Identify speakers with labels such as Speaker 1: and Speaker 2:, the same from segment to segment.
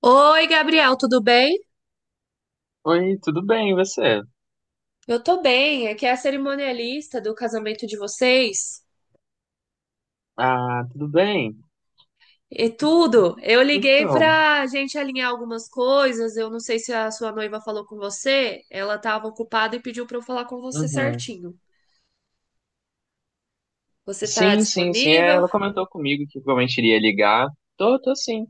Speaker 1: Oi, Gabriel, tudo bem?
Speaker 2: Oi, tudo bem, e você?
Speaker 1: Eu tô bem, aqui é a cerimonialista do casamento de vocês
Speaker 2: Ah, tudo bem?
Speaker 1: e tudo. Eu liguei
Speaker 2: Então,
Speaker 1: pra gente alinhar algumas coisas, eu não sei se a sua noiva falou com você, ela tava ocupada e pediu pra eu falar com você
Speaker 2: uhum.
Speaker 1: certinho. Você tá
Speaker 2: Sim, sim, sim.
Speaker 1: disponível?
Speaker 2: Ela comentou comigo que provavelmente iria ligar. Tô sim,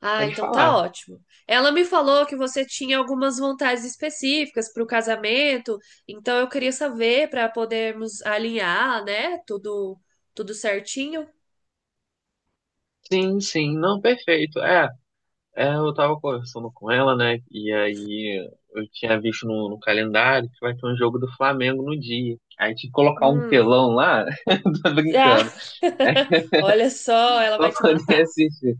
Speaker 1: Ah,
Speaker 2: pode
Speaker 1: então
Speaker 2: falar.
Speaker 1: tá ótimo. Ela me falou que você tinha algumas vontades específicas pro casamento, então eu queria saber pra podermos alinhar, né? Tudo certinho.
Speaker 2: Sim, sim, não, perfeito. Eu tava conversando com ela, né? E aí eu tinha visto no calendário que vai ter um jogo do Flamengo no dia. Aí tinha que colocar um
Speaker 1: Hum.
Speaker 2: telão lá, tô
Speaker 1: Ah,
Speaker 2: brincando. É,
Speaker 1: olha só, ela
Speaker 2: pra
Speaker 1: vai te matar.
Speaker 2: poder assistir.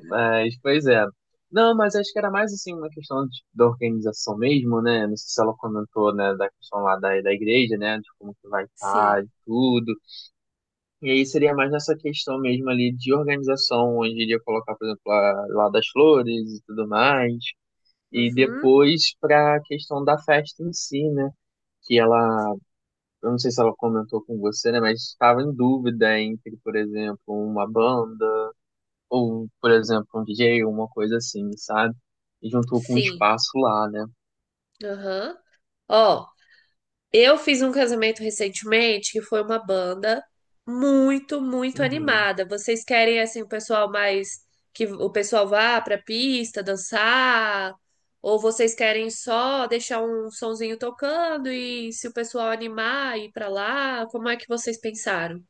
Speaker 2: Mas, pois é. Não, mas acho que era mais assim uma questão da organização mesmo, né? Não sei se ela comentou, né, da questão lá da igreja, né? De como que vai
Speaker 1: Sim.
Speaker 2: estar e tudo. E aí seria mais nessa questão mesmo ali de organização, onde iria colocar, por exemplo, lá das flores e tudo mais. E
Speaker 1: Uhum.
Speaker 2: depois para a questão da festa em si, né? Que ela, eu não sei se ela comentou com você, né? Mas estava em dúvida entre, por exemplo, uma banda ou, por exemplo, um DJ, uma coisa assim, sabe? E juntou com um
Speaker 1: Sim.
Speaker 2: espaço lá, né?
Speaker 1: Aham. Ó, eu fiz um casamento recentemente que foi uma banda muito, muito
Speaker 2: Uhum.
Speaker 1: animada. Vocês querem assim o pessoal mais que o pessoal vá pra pista dançar? Ou vocês querem só deixar um sonzinho tocando e se o pessoal animar ir pra lá? Como é que vocês pensaram?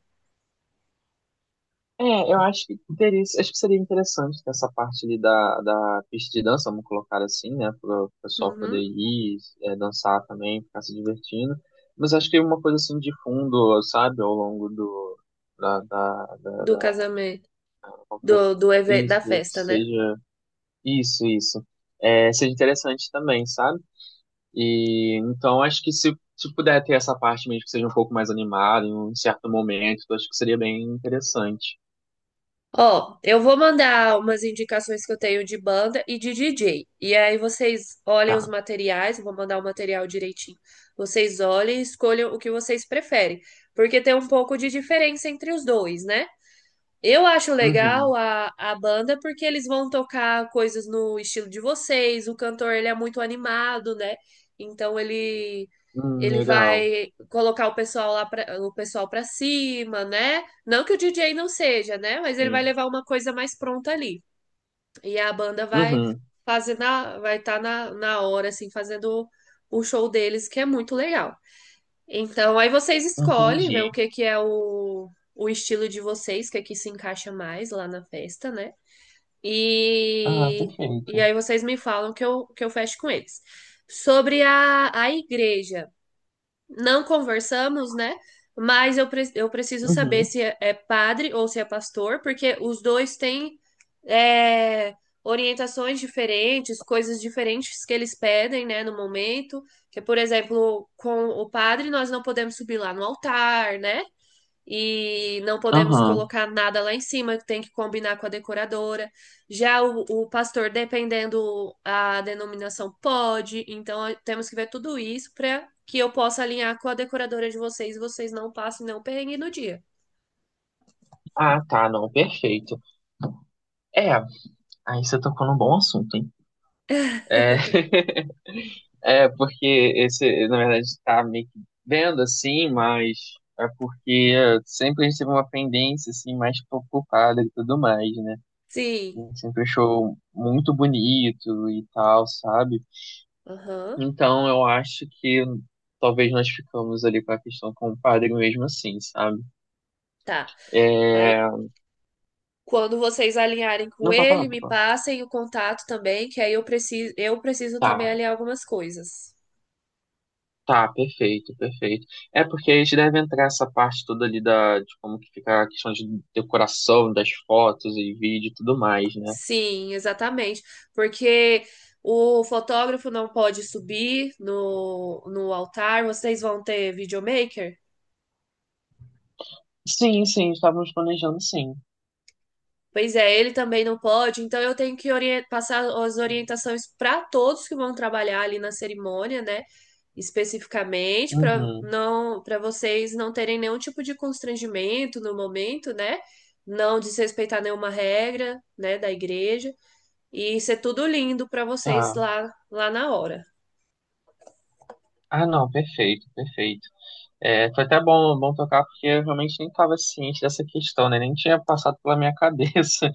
Speaker 2: É, eu acho que teria, acho que seria interessante ter essa parte ali da pista de dança, vamos colocar assim, né? Para o pessoal poder
Speaker 1: Uhum.
Speaker 2: ir, dançar também, ficar se divertindo. Mas acho que uma coisa assim de fundo, sabe, ao longo do, da, da, da,
Speaker 1: Do
Speaker 2: da-
Speaker 1: casamento, da
Speaker 2: isso,
Speaker 1: festa, né?
Speaker 2: seja, isso, isso. É, seja interessante também, sabe? E então acho que se puder ter essa parte mesmo que seja um pouco mais animada em um certo momento, eu acho que seria bem interessante.
Speaker 1: Ó, eu vou mandar umas indicações que eu tenho de banda e de DJ. E aí vocês olhem os
Speaker 2: Tá.
Speaker 1: materiais, eu vou mandar o material direitinho. Vocês olhem e escolham o que vocês preferem, porque tem um pouco de diferença entre os dois, né? Eu acho legal
Speaker 2: Uhum.
Speaker 1: a banda porque eles vão tocar coisas no estilo de vocês. O cantor, ele é muito animado, né? Então ele ele
Speaker 2: Legal.
Speaker 1: vai colocar o pessoal lá pra, o pessoal para cima, né? Não que o DJ não seja, né? Mas ele vai
Speaker 2: Sim.
Speaker 1: levar uma coisa mais pronta ali. E a banda vai
Speaker 2: Uhum.
Speaker 1: fazer na vai estar na hora assim fazendo o show deles, que é muito legal. Então, aí vocês escolhem,
Speaker 2: Entendi.
Speaker 1: vê o que que é o estilo de vocês, que aqui se encaixa mais lá na festa, né?
Speaker 2: Ah,
Speaker 1: E, e
Speaker 2: perfeito.
Speaker 1: aí vocês me falam que eu fecho com eles. Sobre a igreja não conversamos, né? Mas eu, eu preciso saber
Speaker 2: Uhum.
Speaker 1: se é padre ou se é pastor, porque os dois têm é, orientações diferentes, coisas diferentes que eles pedem, né, no momento. Que, por exemplo, com o padre nós não podemos subir lá no altar, né? E não podemos
Speaker 2: Aham.
Speaker 1: colocar nada lá em cima, tem que combinar com a decoradora. Já o pastor, dependendo a denominação, pode, então temos que ver tudo isso para que eu possa alinhar com a decoradora de vocês, e vocês não passem não perrengue no dia.
Speaker 2: Ah, tá, não, perfeito. É, aí você tocou num bom assunto, hein? É, é porque na verdade, tá meio que vendo assim, mas é porque sempre a gente teve uma pendência assim mais preocupada e tudo mais, né?
Speaker 1: Sim.
Speaker 2: Ele sempre achou muito bonito e tal, sabe?
Speaker 1: Aham.
Speaker 2: Então eu acho que talvez nós ficamos ali com a questão com o padre mesmo assim, sabe?
Speaker 1: Tá. Aí
Speaker 2: É...
Speaker 1: quando vocês alinharem com
Speaker 2: Não, pode falar,
Speaker 1: ele,
Speaker 2: pode
Speaker 1: me
Speaker 2: falar.
Speaker 1: passem o contato também, que aí eu preciso
Speaker 2: Tá,
Speaker 1: também alinhar algumas coisas.
Speaker 2: tá, perfeito, perfeito. É porque a gente deve entrar essa parte toda ali de como que fica a questão de decoração, das fotos e vídeo e tudo mais, né?
Speaker 1: Sim, exatamente. Porque o fotógrafo não pode subir no altar, vocês vão ter videomaker?
Speaker 2: Sim, sim, estávamos planejando sim.
Speaker 1: Pois é, ele também não pode, então eu tenho que passar as orientações para todos que vão trabalhar ali na cerimônia, né? Especificamente,
Speaker 2: Uhum,
Speaker 1: para vocês não terem nenhum tipo de constrangimento no momento, né? Não desrespeitar nenhuma regra, né, da igreja, e ser tudo lindo para vocês
Speaker 2: tá.
Speaker 1: lá, lá na hora.
Speaker 2: Ah, não, perfeito, perfeito. É, foi até bom, bom tocar, porque eu realmente nem estava ciente dessa questão, né? Nem tinha passado pela minha cabeça.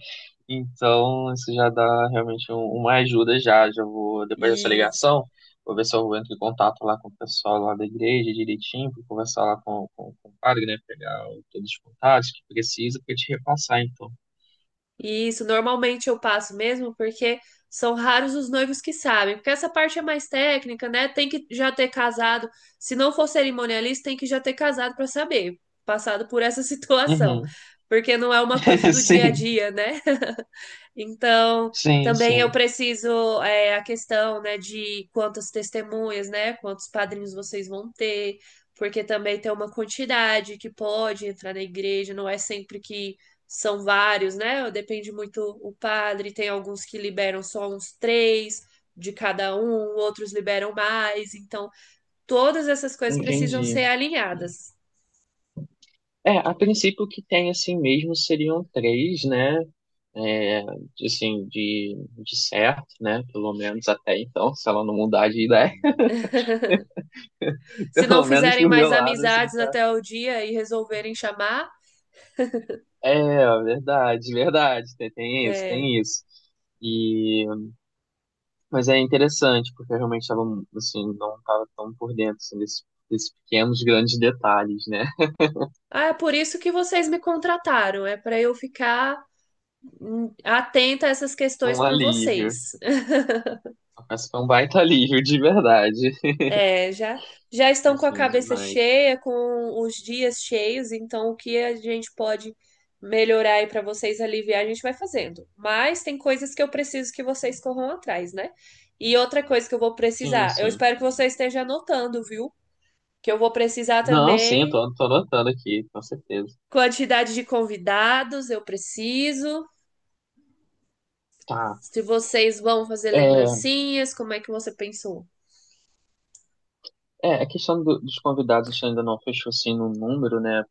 Speaker 2: Então, isso já dá realmente uma ajuda já. Já vou, depois dessa ligação, vou ver se eu entro em contato lá com o pessoal lá da igreja direitinho, para conversar lá com o padre, né? Pegar todos os contatos que precisa para te repassar, então.
Speaker 1: E isso normalmente eu passo mesmo, porque são raros os noivos que sabem. Porque essa parte é mais técnica, né? Tem que já ter casado. Se não for cerimonialista, tem que já ter casado para saber, passado por essa situação.
Speaker 2: Uhum.
Speaker 1: Porque não é uma coisa do dia a
Speaker 2: Sim,
Speaker 1: dia, né? Então,
Speaker 2: sim,
Speaker 1: também eu
Speaker 2: sim.
Speaker 1: preciso a questão, né, de quantas testemunhas, né, quantos padrinhos vocês vão ter, porque também tem uma quantidade que pode entrar na igreja, não é sempre que são vários, né? Depende muito o padre, tem alguns que liberam só uns três de cada um, outros liberam mais, então todas essas coisas precisam
Speaker 2: Entendi.
Speaker 1: ser alinhadas.
Speaker 2: É, a princípio o que tem assim mesmo seriam três, né? É, assim, de certo, né? Pelo menos até então, se ela não mudar de ideia,
Speaker 1: Se não
Speaker 2: pelo menos
Speaker 1: fizerem
Speaker 2: pro meu
Speaker 1: mais
Speaker 2: lado, assim,
Speaker 1: amizades
Speaker 2: tá.
Speaker 1: até o dia e resolverem chamar,
Speaker 2: É, verdade, verdade, tem isso,
Speaker 1: é,
Speaker 2: tem isso. E, mas é interessante, porque eu realmente estava, assim, não estava tão por dentro, assim, desses pequenos, grandes detalhes, né?
Speaker 1: ah, é por isso que vocês me contrataram, é para eu ficar atenta a essas questões
Speaker 2: Um
Speaker 1: por
Speaker 2: alívio.
Speaker 1: vocês.
Speaker 2: Mas foi um baita alívio, de verdade.
Speaker 1: É, já, já estão com a
Speaker 2: Assim,
Speaker 1: cabeça
Speaker 2: demais.
Speaker 1: cheia, com os dias cheios, então o que a gente pode melhorar aí para vocês aliviar, a gente vai fazendo. Mas tem coisas que eu preciso que vocês corram atrás, né? E outra coisa que eu vou
Speaker 2: Sim,
Speaker 1: precisar, eu
Speaker 2: sim.
Speaker 1: espero que você esteja anotando, viu? Que eu vou precisar
Speaker 2: Não, sim, eu
Speaker 1: também
Speaker 2: tô anotando aqui, com certeza.
Speaker 1: quantidade de convidados, eu preciso.
Speaker 2: Tá.
Speaker 1: Se vocês vão fazer
Speaker 2: É,
Speaker 1: lembrancinhas, como é que você pensou?
Speaker 2: a questão dos convidados a gente ainda não fechou assim no número, né?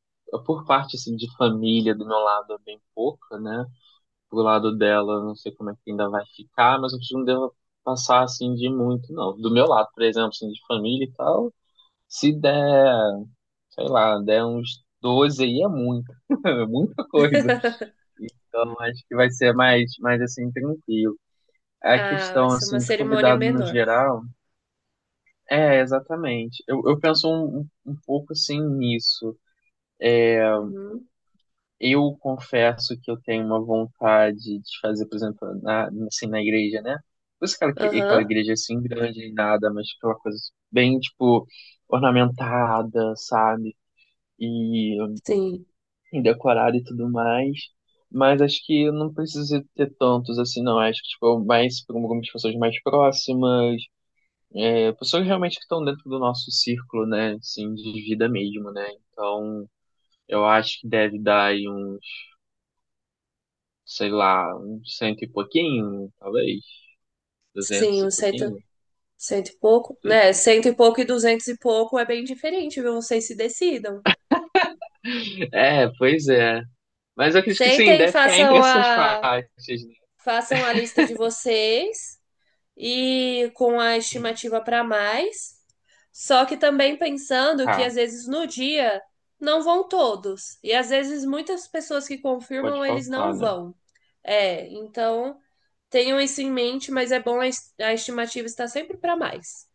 Speaker 2: Por parte assim, de família, do meu lado é bem pouca, né? Do lado dela, eu não sei como é que ainda vai ficar, mas eu acho que não devo passar assim de muito, não. Do meu lado, por exemplo, assim, de família e tal, se der, sei lá, der uns 12 aí é muito, é muita coisa. Então acho que vai ser mais assim, tranquilo. A
Speaker 1: Ah, vai
Speaker 2: questão
Speaker 1: ser uma
Speaker 2: assim de
Speaker 1: cerimônia
Speaker 2: convidado no
Speaker 1: menor.
Speaker 2: geral. É, exatamente. Eu penso um pouco assim nisso.
Speaker 1: Uhum.
Speaker 2: Eu confesso que eu tenho uma vontade de fazer, por exemplo, assim, na igreja, né? Por isso aquela
Speaker 1: Aham.
Speaker 2: igreja é, assim grande e nada, mas tipo, aquela coisa bem, tipo, ornamentada, sabe? E,
Speaker 1: Sim.
Speaker 2: e decorada e tudo mais. Mas acho que eu não preciso ter tantos assim, não. Acho que, tipo, mais para algumas pessoas mais próximas, pessoas realmente que estão dentro do nosso círculo, né, assim, de vida mesmo, né? Então, eu acho que deve dar aí uns, sei lá, uns cento e pouquinho, talvez,
Speaker 1: Sim,
Speaker 2: duzentos e pouquinho.
Speaker 1: cento e pouco, né? Cento e pouco e duzentos e pouco é bem diferente, viu? Vocês se decidam.
Speaker 2: É, pois é. Mas eu acredito que sim,
Speaker 1: Sentem,
Speaker 2: deve ficar entre essas faixas, né?
Speaker 1: façam a lista de vocês, e com a
Speaker 2: Sim.
Speaker 1: estimativa para mais. Só que também pensando que
Speaker 2: Tá,
Speaker 1: às vezes no dia não vão todos. E às vezes muitas pessoas que
Speaker 2: pode
Speaker 1: confirmam, eles
Speaker 2: faltar,
Speaker 1: não
Speaker 2: né?
Speaker 1: vão. É, então tenham isso em mente, mas é bom a estimativa estar sempre para mais,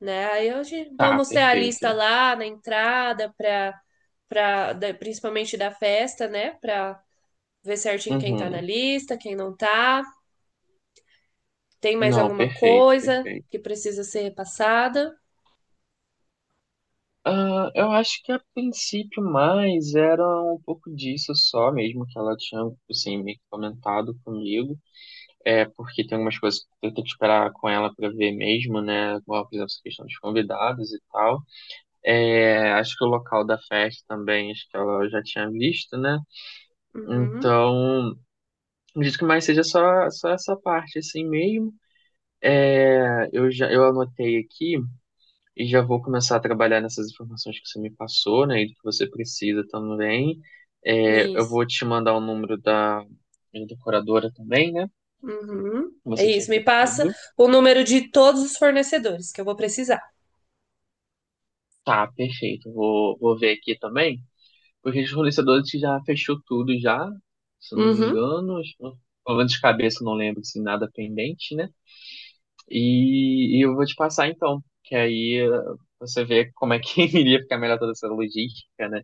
Speaker 1: né? Aí hoje
Speaker 2: Tá,
Speaker 1: vamos ter a
Speaker 2: perfeito.
Speaker 1: lista lá na entrada para principalmente da festa, né? Para ver certinho quem tá na
Speaker 2: Uhum.
Speaker 1: lista, quem não tá. Tem mais
Speaker 2: Não,
Speaker 1: alguma
Speaker 2: perfeito,
Speaker 1: coisa
Speaker 2: perfeito.
Speaker 1: que precisa ser repassada?
Speaker 2: Ah, eu acho que a princípio mais era um pouco disso só mesmo que ela tinha assim, meio que comentado comigo. É porque tem algumas coisas que eu tenho que esperar com ela pra ver mesmo, né? Igual, por exemplo, essa questão dos convidados e tal. É, acho que o local da festa também, acho que ela já tinha visto, né?
Speaker 1: Uhum.
Speaker 2: Então, acredito que mais seja só essa parte assim mesmo. É, eu já eu anotei aqui. E já vou começar a trabalhar nessas informações que você me passou, né? E do que você precisa também. É, eu
Speaker 1: Isso.
Speaker 2: vou te mandar o número da minha decoradora também, né?
Speaker 1: Uhum.
Speaker 2: Que
Speaker 1: É
Speaker 2: você tinha
Speaker 1: isso. Me passa
Speaker 2: pedido.
Speaker 1: o número de todos os fornecedores que eu vou precisar.
Speaker 2: Tá, perfeito. Vou ver aqui também. Porque os fornecedores já fechou tudo já, se eu não me
Speaker 1: Uhum.
Speaker 2: engano. Pelo menos de cabeça eu não lembro se nada pendente, né? E eu vou te passar então, que aí você vê como é que iria ficar melhor toda essa logística, né?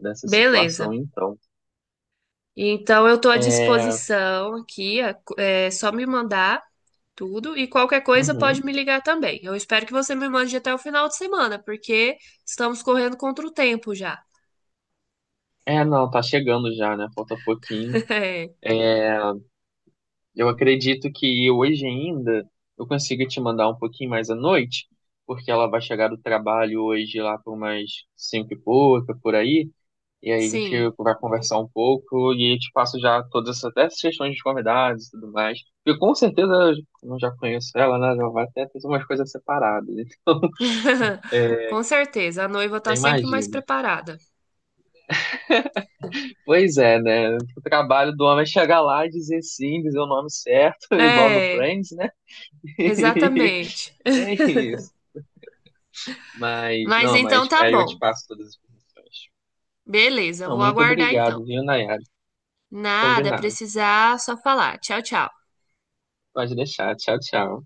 Speaker 2: Dessa situação,
Speaker 1: Beleza.
Speaker 2: então.
Speaker 1: Então eu estou à
Speaker 2: É,
Speaker 1: disposição aqui. É só me mandar tudo e qualquer coisa pode
Speaker 2: Uhum.
Speaker 1: me ligar também. Eu espero que você me mande até o final de semana, porque estamos correndo contra o tempo já.
Speaker 2: É, não, tá chegando já, né? Falta pouquinho.
Speaker 1: É,
Speaker 2: É, eu acredito que hoje ainda eu consigo te mandar um pouquinho mais à noite, porque ela vai chegar do trabalho hoje lá por umas cinco e pouca, por aí, e aí a gente
Speaker 1: sim.
Speaker 2: vai conversar um pouco e eu te passo já todas essas, até essas questões de convidados e tudo mais. Porque com certeza eu já conheço ela, né? Já vai até ter umas coisas separadas, então
Speaker 1: Com certeza, a noiva
Speaker 2: eu
Speaker 1: está
Speaker 2: até
Speaker 1: sempre mais
Speaker 2: imagino.
Speaker 1: preparada.
Speaker 2: Pois é, né? O trabalho do homem é chegar lá e dizer sim, dizer o nome certo, igual no
Speaker 1: É,
Speaker 2: Friends, né?
Speaker 1: exatamente.
Speaker 2: E é isso. Mas,
Speaker 1: Mas
Speaker 2: não,
Speaker 1: então
Speaker 2: mas
Speaker 1: tá
Speaker 2: aí eu te
Speaker 1: bom.
Speaker 2: passo todas as informações.
Speaker 1: Beleza,
Speaker 2: Não,
Speaker 1: vou
Speaker 2: muito
Speaker 1: aguardar
Speaker 2: obrigado,
Speaker 1: então.
Speaker 2: viu, Nayara?
Speaker 1: Nada,
Speaker 2: Combinado.
Speaker 1: precisar, só falar. Tchau, tchau.
Speaker 2: Pode deixar. Tchau, tchau.